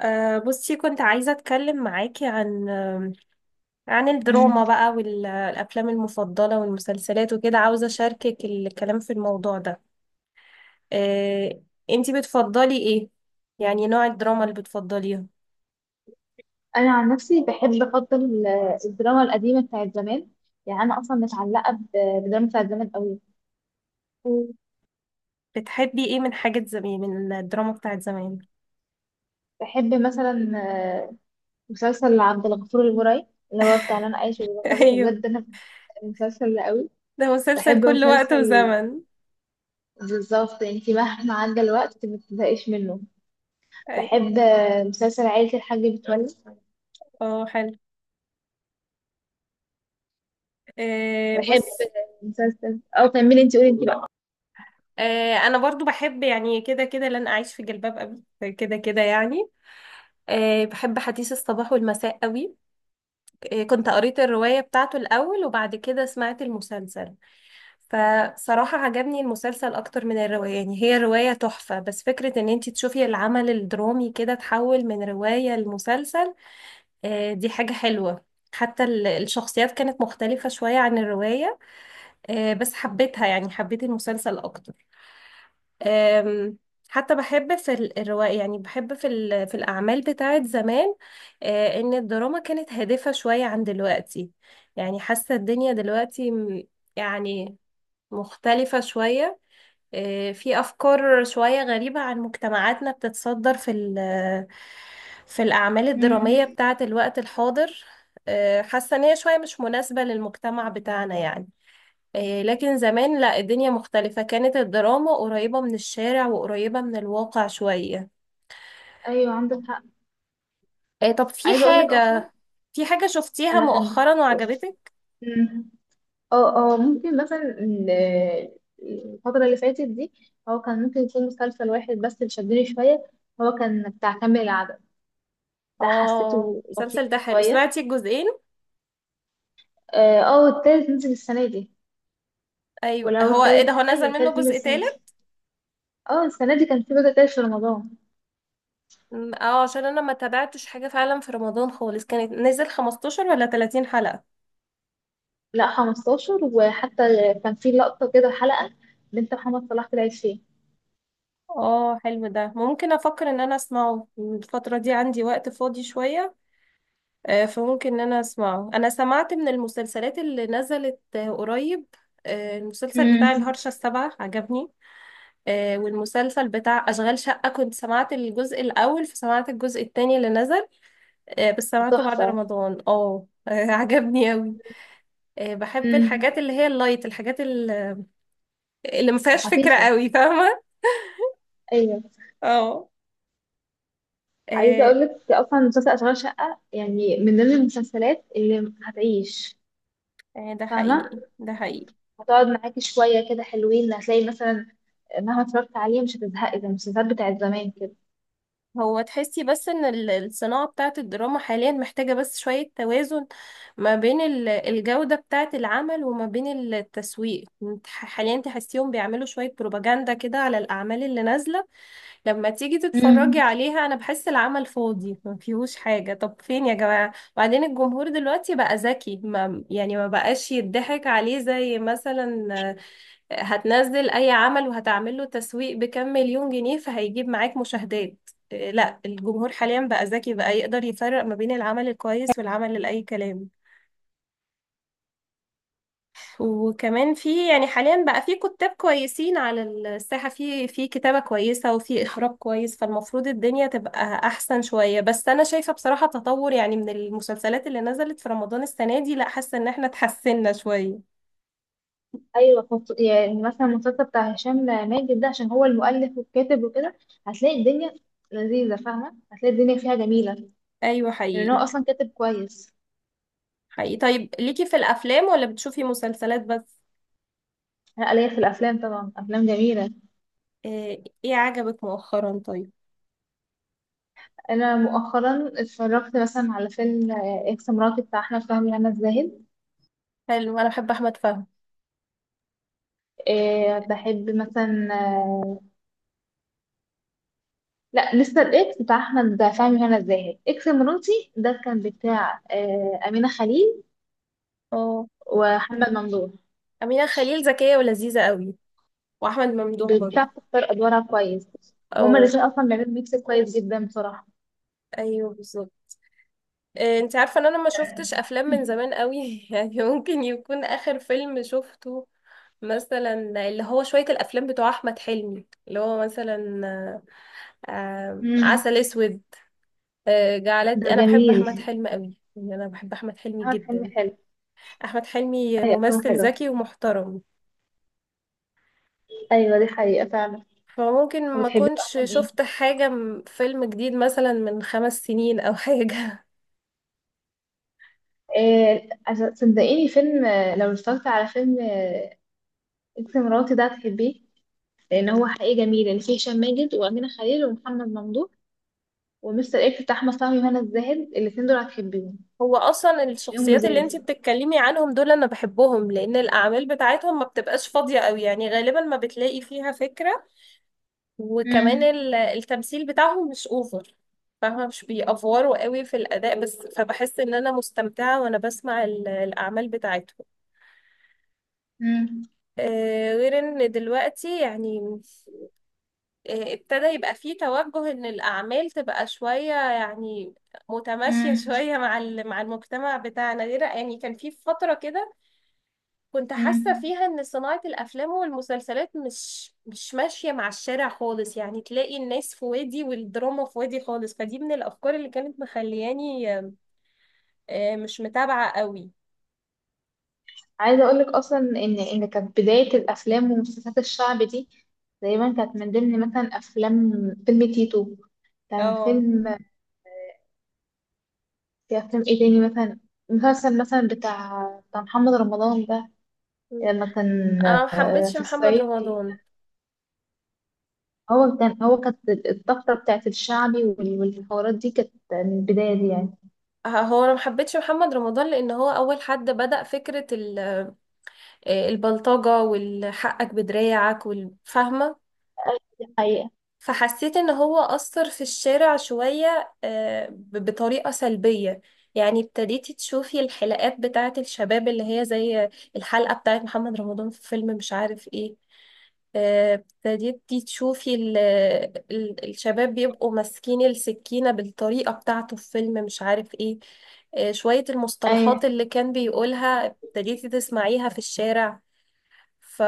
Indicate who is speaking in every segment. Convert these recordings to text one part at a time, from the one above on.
Speaker 1: بصي، كنت عايزة أتكلم معاكي عن آم، عن الدراما
Speaker 2: مم.
Speaker 1: بقى والأفلام المفضلة والمسلسلات وكده، عاوزة أشاركك الكلام في الموضوع ده. أه أنتي بتفضلي إيه؟ يعني نوع الدراما اللي بتفضليها.
Speaker 2: انا عن نفسي بحب الدراما القديمه بتاعت زمان، يعني انا اصلا بالدراما بتاعت زمان قوي.
Speaker 1: مم. بتحبي إيه من حاجة زمان، من الدراما بتاعت زمان؟
Speaker 2: بحب مثلا آه، مسلسل عبد الغفور البرعي اللي هو بتاع انا عايش في جلباب ابي.
Speaker 1: أيوه.
Speaker 2: بجد انا المسلسل ده قوي.
Speaker 1: ده مسلسل
Speaker 2: بحب
Speaker 1: كل وقت
Speaker 2: مسلسل،
Speaker 1: وزمن.
Speaker 2: بالظبط انت مهما عدى الوقت ما بتزهقيش منه.
Speaker 1: أيوه.
Speaker 2: بحب مسلسل عائله الحاج متولي.
Speaker 1: حلو.
Speaker 2: بحب
Speaker 1: بص.
Speaker 2: مسلسل او كملي انت، قولي انت بقى.
Speaker 1: أنا برضو بحب يعني كده كده لن أعيش في جلباب أبي كده كده يعني. بحب حديث الصباح والمساء قوي. كنت قريت الرواية بتاعته الأول، وبعد كده سمعت المسلسل، فصراحة عجبني المسلسل أكتر من الرواية. يعني هي الرواية تحفة، بس فكرة إن انتي تشوفي العمل الدرامي كده تحول من رواية لمسلسل، دي حاجة حلوة. حتى الشخصيات كانت مختلفة شوية عن الرواية، بس حبيتها، يعني حبيت المسلسل أكتر. أم، حتى بحب في الرواية، يعني بحب في الأعمال بتاعت زمان، إن الدراما كانت هادفة شوية عن دلوقتي. يعني حاسة الدنيا دلوقتي يعني مختلفة شوية. في أفكار شوية غريبة عن مجتمعاتنا بتتصدر في الأعمال الدرامية
Speaker 2: مم.
Speaker 1: بتاعت الوقت الحاضر. حاسة إن هي شوية مش مناسبة للمجتمع بتاعنا يعني. إيه، لكن زمان لا، الدنيا مختلفة، كانت الدراما قريبة من الشارع وقريبة من الواقع شوية.
Speaker 2: ايوه عندك حق.
Speaker 1: إيه، طب في
Speaker 2: عايزه اقول لك اصلا
Speaker 1: حاجة في حاجة شفتيها
Speaker 2: انا كان.
Speaker 1: مؤخرا وعجبتك؟
Speaker 2: مم. اه ممكن مثلا الفترة اللي فاتت دي هو كان ممكن يكون مسلسل واحد بس اللي شدني شوية، هو كان بتاع كامل العدد، ده
Speaker 1: اه
Speaker 2: حسيته لطيف
Speaker 1: المسلسل ده حلو،
Speaker 2: شوية.
Speaker 1: سمعتي الجزئين؟
Speaker 2: اه، التالت نزل السنة دي.
Speaker 1: ايوه،
Speaker 2: ولا هو
Speaker 1: هو ايه ده،
Speaker 2: التالت،
Speaker 1: هو
Speaker 2: ايوه
Speaker 1: نزل منه
Speaker 2: التالت نزل
Speaker 1: جزء
Speaker 2: السنة دي.
Speaker 1: تالت؟
Speaker 2: اه السنة دي كان في جزء تالت في رمضان.
Speaker 1: م، اه عشان انا ما تابعتش حاجة فعلا في رمضان خالص. كانت نزل 15 ولا 30 حلقة؟
Speaker 2: لا 15، وحتى كان في لقطة كده حلقة بنت محمد صلاح طلعت فيه.
Speaker 1: اه حلو، ده ممكن افكر ان انا اسمعه. الفترة دي عندي وقت فاضي شوية، فممكن ان انا اسمعه. انا سمعت من المسلسلات اللي نزلت قريب. المسلسل بتاع
Speaker 2: مم.
Speaker 1: الهرشة السبعة عجبني. والمسلسل بتاع أشغال شقة، كنت سمعت الجزء الأول فسمعت الجزء التاني اللي نزل، بس سمعته بعد
Speaker 2: تحفة.
Speaker 1: رمضان. اه عجبني أوي. بحب
Speaker 2: مم.
Speaker 1: الحاجات اللي هي اللايت، الحاجات اللي ما فيهاش فكرة
Speaker 2: خفيفة.
Speaker 1: أوي، فاهمة؟
Speaker 2: ايوه.
Speaker 1: اه.
Speaker 2: عايزه
Speaker 1: آه،
Speaker 2: اقول لك اصلا مسلسل اشغال شقه يعني من ضمن المسلسلات اللي هتعيش.
Speaker 1: ده
Speaker 2: فاهمه،
Speaker 1: حقيقي ده حقيقي.
Speaker 2: هتقعد معاكي شويه كده حلوين، هتلاقي مثلا مهما اتفرجت عليه مش هتزهقي زي المسلسلات بتاعت زمان كده.
Speaker 1: هو تحسي بس ان الصناعة بتاعت الدراما حاليا محتاجة بس شوية توازن ما بين الجودة بتاعت العمل وما بين التسويق. انت حاليا تحسيهم بيعملوا شوية بروباجندا كده على الأعمال اللي نازلة. لما تيجي
Speaker 2: امم.
Speaker 1: تتفرجي عليها أنا بحس العمل فاضي ما فيهوش حاجة. طب فين يا جماعة؟ وبعدين الجمهور دلوقتي بقى ذكي، ما يعني ما بقاش يضحك عليه، زي مثلا هتنزل اي عمل وهتعمل له تسويق بكام مليون جنيه فهيجيب معاك مشاهدات. لا، الجمهور حاليا بقى ذكي، بقى يقدر يفرق ما بين العمل الكويس والعمل اللي اي كلام. وكمان في يعني حاليا بقى في كتاب كويسين على الساحة، في كتابة كويسة وفي اخراج كويس، فالمفروض الدنيا تبقى احسن شوية. بس انا شايفة بصراحة تطور، يعني من المسلسلات اللي نزلت في رمضان السنة دي، لا حاسة ان احنا اتحسنا شوية.
Speaker 2: ايوه. يعني مثلا المسلسل بتاع هشام ماجد ده، عشان هو المؤلف والكاتب وكده، هتلاقي الدنيا لذيذه. فاهمه، هتلاقي الدنيا فيها جميله،
Speaker 1: ايوه
Speaker 2: لان
Speaker 1: حقيقي.
Speaker 2: هو اصلا كاتب كويس.
Speaker 1: حقيقي، طيب ليكي في الافلام ولا بتشوفي مسلسلات بس؟
Speaker 2: انا ليا في الافلام طبعا، افلام جميله.
Speaker 1: ايه عجبك مؤخرا، طيب؟
Speaker 2: انا مؤخرا اتفرجت مثلا على فيلم اكس مراتي بتاع احمد فهمي هنا الزاهد.
Speaker 1: حلو، انا بحب احمد فهمي.
Speaker 2: إيه، بحب مثلا لا، لسه الاكس بتاع احمد فهمي وهنا الزاهد، اكس مراتي ده كان بتاع امينه خليل
Speaker 1: اه.
Speaker 2: ومحمد ممدوح.
Speaker 1: أمينة خليل ذكية ولذيذة قوي، وأحمد ممدوح برضه.
Speaker 2: بتاع بتختار ادوارها كويس، وهما
Speaker 1: اه.
Speaker 2: الاثنين اصلا بيعملوا ميكس كويس جدا بصراحه.
Speaker 1: أيوه بالظبط. إيه، انت عارفة إن أنا ما شفتش أفلام من
Speaker 2: مم.
Speaker 1: زمان قوي؟ يعني ممكن يكون آخر فيلم شفته مثلا اللي هو شوية الأفلام بتوع أحمد حلمي، اللي هو مثلا عسل أسود.
Speaker 2: ده
Speaker 1: جعلتني أنا بحب
Speaker 2: جميل.
Speaker 1: أحمد حلمي قوي، يعني أنا بحب أحمد حلمي
Speaker 2: احمد حلمي
Speaker 1: جدا.
Speaker 2: حلو.
Speaker 1: أحمد حلمي
Speaker 2: ايوه افلامه
Speaker 1: ممثل
Speaker 2: حلو.
Speaker 1: ذكي ومحترم.
Speaker 2: ايوه دي حقيقه فعلا.
Speaker 1: فممكن ما
Speaker 2: وبتحبي له
Speaker 1: كنتش
Speaker 2: افلام ايه؟
Speaker 1: شفت حاجة فيلم جديد مثلا من خمس سنين أو حاجة.
Speaker 2: إيه صدقيني، فيلم لو اتفرجت على فيلم اكس مراتي ده هتحبيه، لان هو حقيقي جميل اللي فيه هشام ماجد وامينه خليل ومحمد ممدوح ومستر اكس بتاع احمد فهمي وهنا الزاهد. الاثنين دول هتحبيهم،
Speaker 1: هو أصلا
Speaker 2: هتلاقيهم
Speaker 1: الشخصيات اللي
Speaker 2: لذاذ.
Speaker 1: انتي بتتكلمي عنهم دول أنا بحبهم، لأن الأعمال بتاعتهم ما بتبقاش فاضية أوي، يعني غالبا ما بتلاقي فيها فكرة. وكمان
Speaker 2: مم.
Speaker 1: التمثيل بتاعهم مش أوفر، فاهمة؟ مش بيأفوروا قوي في الأداء بس، فبحس إن أنا مستمتعة وأنا بسمع الأعمال بتاعتهم.
Speaker 2: مم.
Speaker 1: غير إن دلوقتي يعني ابتدى يبقى فيه توجه ان الاعمال تبقى شوية يعني متماشية
Speaker 2: مم.
Speaker 1: شوية مع مع المجتمع بتاعنا. غير يعني كان في فترة كده كنت حاسة
Speaker 2: مم.
Speaker 1: فيها ان صناعة الافلام والمسلسلات مش ماشية مع الشارع خالص، يعني تلاقي الناس في وادي والدراما في وادي خالص. فدي من الافكار اللي كانت مخلياني مش متابعة قوي.
Speaker 2: عايزه اقول لك اصلا ان كانت بدايه الافلام ومسلسلات الشعب دي تقريبا كانت من ضمن مثلا افلام، فيلم تيتو، كان
Speaker 1: اه.
Speaker 2: فيلم. في افلام ايه تاني مثلا؟ مسلسل مثلا بتاع محمد رمضان ده،
Speaker 1: م.
Speaker 2: لما كان
Speaker 1: انا محبتش
Speaker 2: في
Speaker 1: محمد
Speaker 2: الصعيد.
Speaker 1: رمضان.
Speaker 2: هو كانت الطفرة بتاعت الشعبي والحوارات دي كانت من البداية دي يعني.
Speaker 1: هو انا محبتش محمد رمضان لان هو اول حد بدأ فكرة ال آه، البلطجة والحقك بدراعك والفهمة.
Speaker 2: أيوة، دي حقيقة.
Speaker 1: فحسيت ان هو أثر في الشارع شوية بطريقة سلبية. يعني ابتديتي تشوفي الحلقات بتاعة الشباب اللي هي زي الحلقة بتاعة محمد رمضان في فيلم مش عارف ايه. ابتديتي تشوفي الشباب بيبقوا ماسكين السكينة بالطريقة بتاعته في فيلم مش عارف ايه. شوية
Speaker 2: أيوة.
Speaker 1: المصطلحات اللي كان بيقولها ابتديتي تسمعيها في الشارع. ف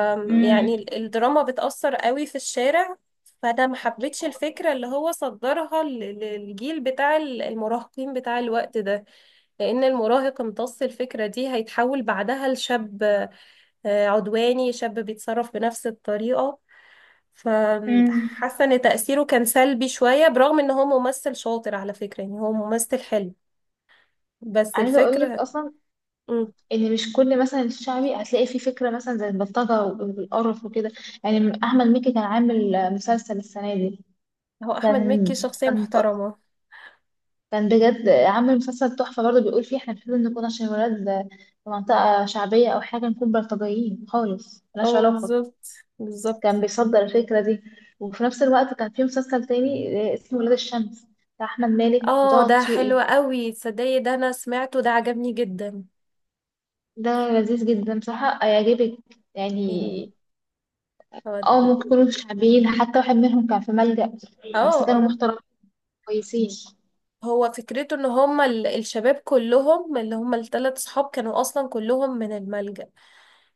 Speaker 1: يعني
Speaker 2: أمم.
Speaker 1: الدراما بتأثر قوي في الشارع. فانا ما حبيتش الفكره اللي هو صدرها للجيل بتاع المراهقين بتاع الوقت ده، لان المراهق امتص الفكره دي هيتحول بعدها لشاب عدواني، شاب بيتصرف بنفس الطريقه.
Speaker 2: أمم.
Speaker 1: فحاسه ان تأثيره كان سلبي شويه، برغم ان هو ممثل شاطر على فكره، يعني هو ممثل حلو، بس
Speaker 2: عايزة أقول لك
Speaker 1: الفكره.
Speaker 2: أصلا
Speaker 1: مم،
Speaker 2: إن مش كل مثلا الشعبي هتلاقي فيه فكرة مثلا زي البلطجة والقرف وكده، يعني أحمد مكي كان عامل مسلسل السنة دي،
Speaker 1: هو احمد
Speaker 2: كان
Speaker 1: مكي شخصيه
Speaker 2: كان ط-
Speaker 1: محترمه.
Speaker 2: كان بجد عامل مسلسل تحفة برضه، بيقول فيه إحنا المفروض نكون، عشان ولاد في منطقة شعبية أو حاجة، نكون بلطجيين خالص، ملهاش
Speaker 1: اه
Speaker 2: علاقة.
Speaker 1: بالظبط،
Speaker 2: كان
Speaker 1: بالظبط.
Speaker 2: بيصدر الفكرة دي. وفي نفس الوقت كان في مسلسل تاني اسمه ولاد الشمس، بتاع أحمد مالك
Speaker 1: اه
Speaker 2: وطه
Speaker 1: ده حلو
Speaker 2: دسوقي.
Speaker 1: قوي، تصدقي ده انا سمعته، ده عجبني جدا.
Speaker 2: ده لذيذ جدا بصراحة هيعجبك يعني.
Speaker 1: يعني هو
Speaker 2: اه، ممكن يكونوا شعبيين، حتى واحد منهم كان في ملجأ،
Speaker 1: اه
Speaker 2: بس كانوا
Speaker 1: اه
Speaker 2: محترمين كويسين.
Speaker 1: هو فكرته ان هما الشباب كلهم، اللي هما الثلاث صحاب، كانوا اصلا كلهم من الملجأ.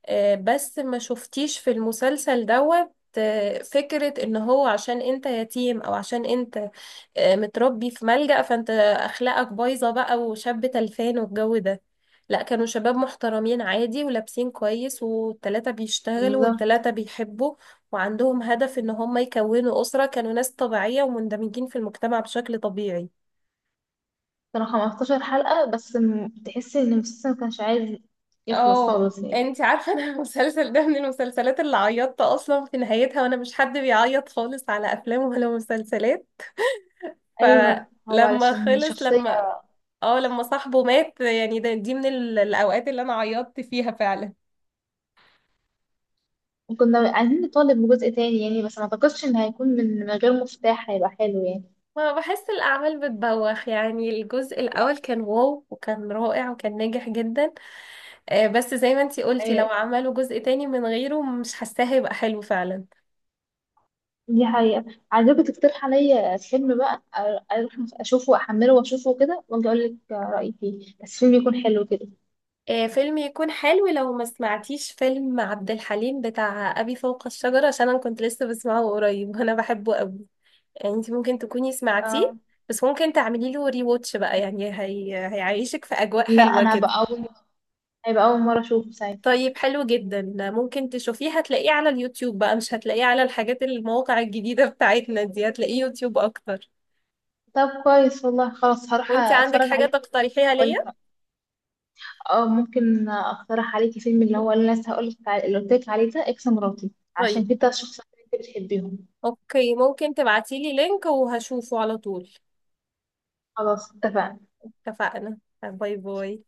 Speaker 1: بس ما شفتيش في المسلسل دوت فكرة ان هو عشان انت يتيم او عشان انت متربي في ملجأ فانت اخلاقك بايظة بقى وشاب تلفان والجو ده. لا، كانوا شباب محترمين عادي، ولابسين كويس، والتلاتة بيشتغلوا
Speaker 2: بالظبط.
Speaker 1: والتلاتة بيحبوا، وعندهم هدف ان هم يكونوا أسرة. كانوا ناس طبيعية ومندمجين في المجتمع بشكل طبيعي.
Speaker 2: كانوا 15 حلقة بس، تحسي ان المسلسل ما كانش عايز يخلص
Speaker 1: اه،
Speaker 2: خالص يعني.
Speaker 1: انت عارفه انا المسلسل ده من المسلسلات اللي عيطت اصلا في نهايتها، وانا مش حد بيعيط خالص على افلام ولا مسلسلات.
Speaker 2: ايوه هو
Speaker 1: فلما
Speaker 2: علشان
Speaker 1: خلص.
Speaker 2: شخصية.
Speaker 1: لما صاحبه مات، يعني ده، دي من الاوقات اللي انا عيطت فيها فعلا.
Speaker 2: كنا عايزين نطالب بجزء تاني يعني، بس ما اعتقدش ان هيكون من غير مفتاح هيبقى حلو يعني.
Speaker 1: ما بحس الاعمال بتبوخ، يعني الجزء الاول كان واو وكان رائع وكان ناجح جدا. بس زي ما انتي قلتي لو
Speaker 2: آه،
Speaker 1: عملوا جزء تاني من غيره مش حاساه هيبقى حلو فعلا.
Speaker 2: دي حقيقة. عايزاكي تقترح عليا فيلم بقى، اروح اشوفه واحمله واشوفه وكده، واجي اقول لك رأيي فيه، بس فيلم يكون حلو كده.
Speaker 1: فيلم يكون حلو، لو ما سمعتيش فيلم عبد الحليم بتاع أبي فوق الشجرة، عشان أنا كنت لسه بسمعه قريب. وأنا بحبه قوي، يعني أنت ممكن تكوني سمعتيه،
Speaker 2: اه،
Speaker 1: بس ممكن تعملي له ري واتش بقى. يعني هيعيشك في أجواء
Speaker 2: لا
Speaker 1: حلوة
Speaker 2: انا بقى
Speaker 1: كده.
Speaker 2: اول، هيبقى اول مرة اشوفه ساعتها.
Speaker 1: طيب حلو جدا، ممكن تشوفيه. هتلاقيه على اليوتيوب بقى، مش هتلاقيه على الحاجات المواقع الجديدة بتاعتنا دي، هتلاقيه يوتيوب أكتر.
Speaker 2: طب كويس والله، خلاص هروح
Speaker 1: وأنت عندك
Speaker 2: اتفرج
Speaker 1: حاجة
Speaker 2: عليه
Speaker 1: تقترحيها
Speaker 2: واقول لك
Speaker 1: ليا؟
Speaker 2: رأيي. اه، ممكن اقترح عليكي فيلم، اللي هو اللي أنا لسه هقول لك اللي قلت لك عليه ده، اكس مراتي،
Speaker 1: طيب
Speaker 2: عشان كده الشخصيات اللي انت بتحبيهم.
Speaker 1: أوكي، ممكن تبعتيلي لينك وهشوفه على طول.
Speaker 2: خلاص اتفقنا.
Speaker 1: اتفقنا. باي باي.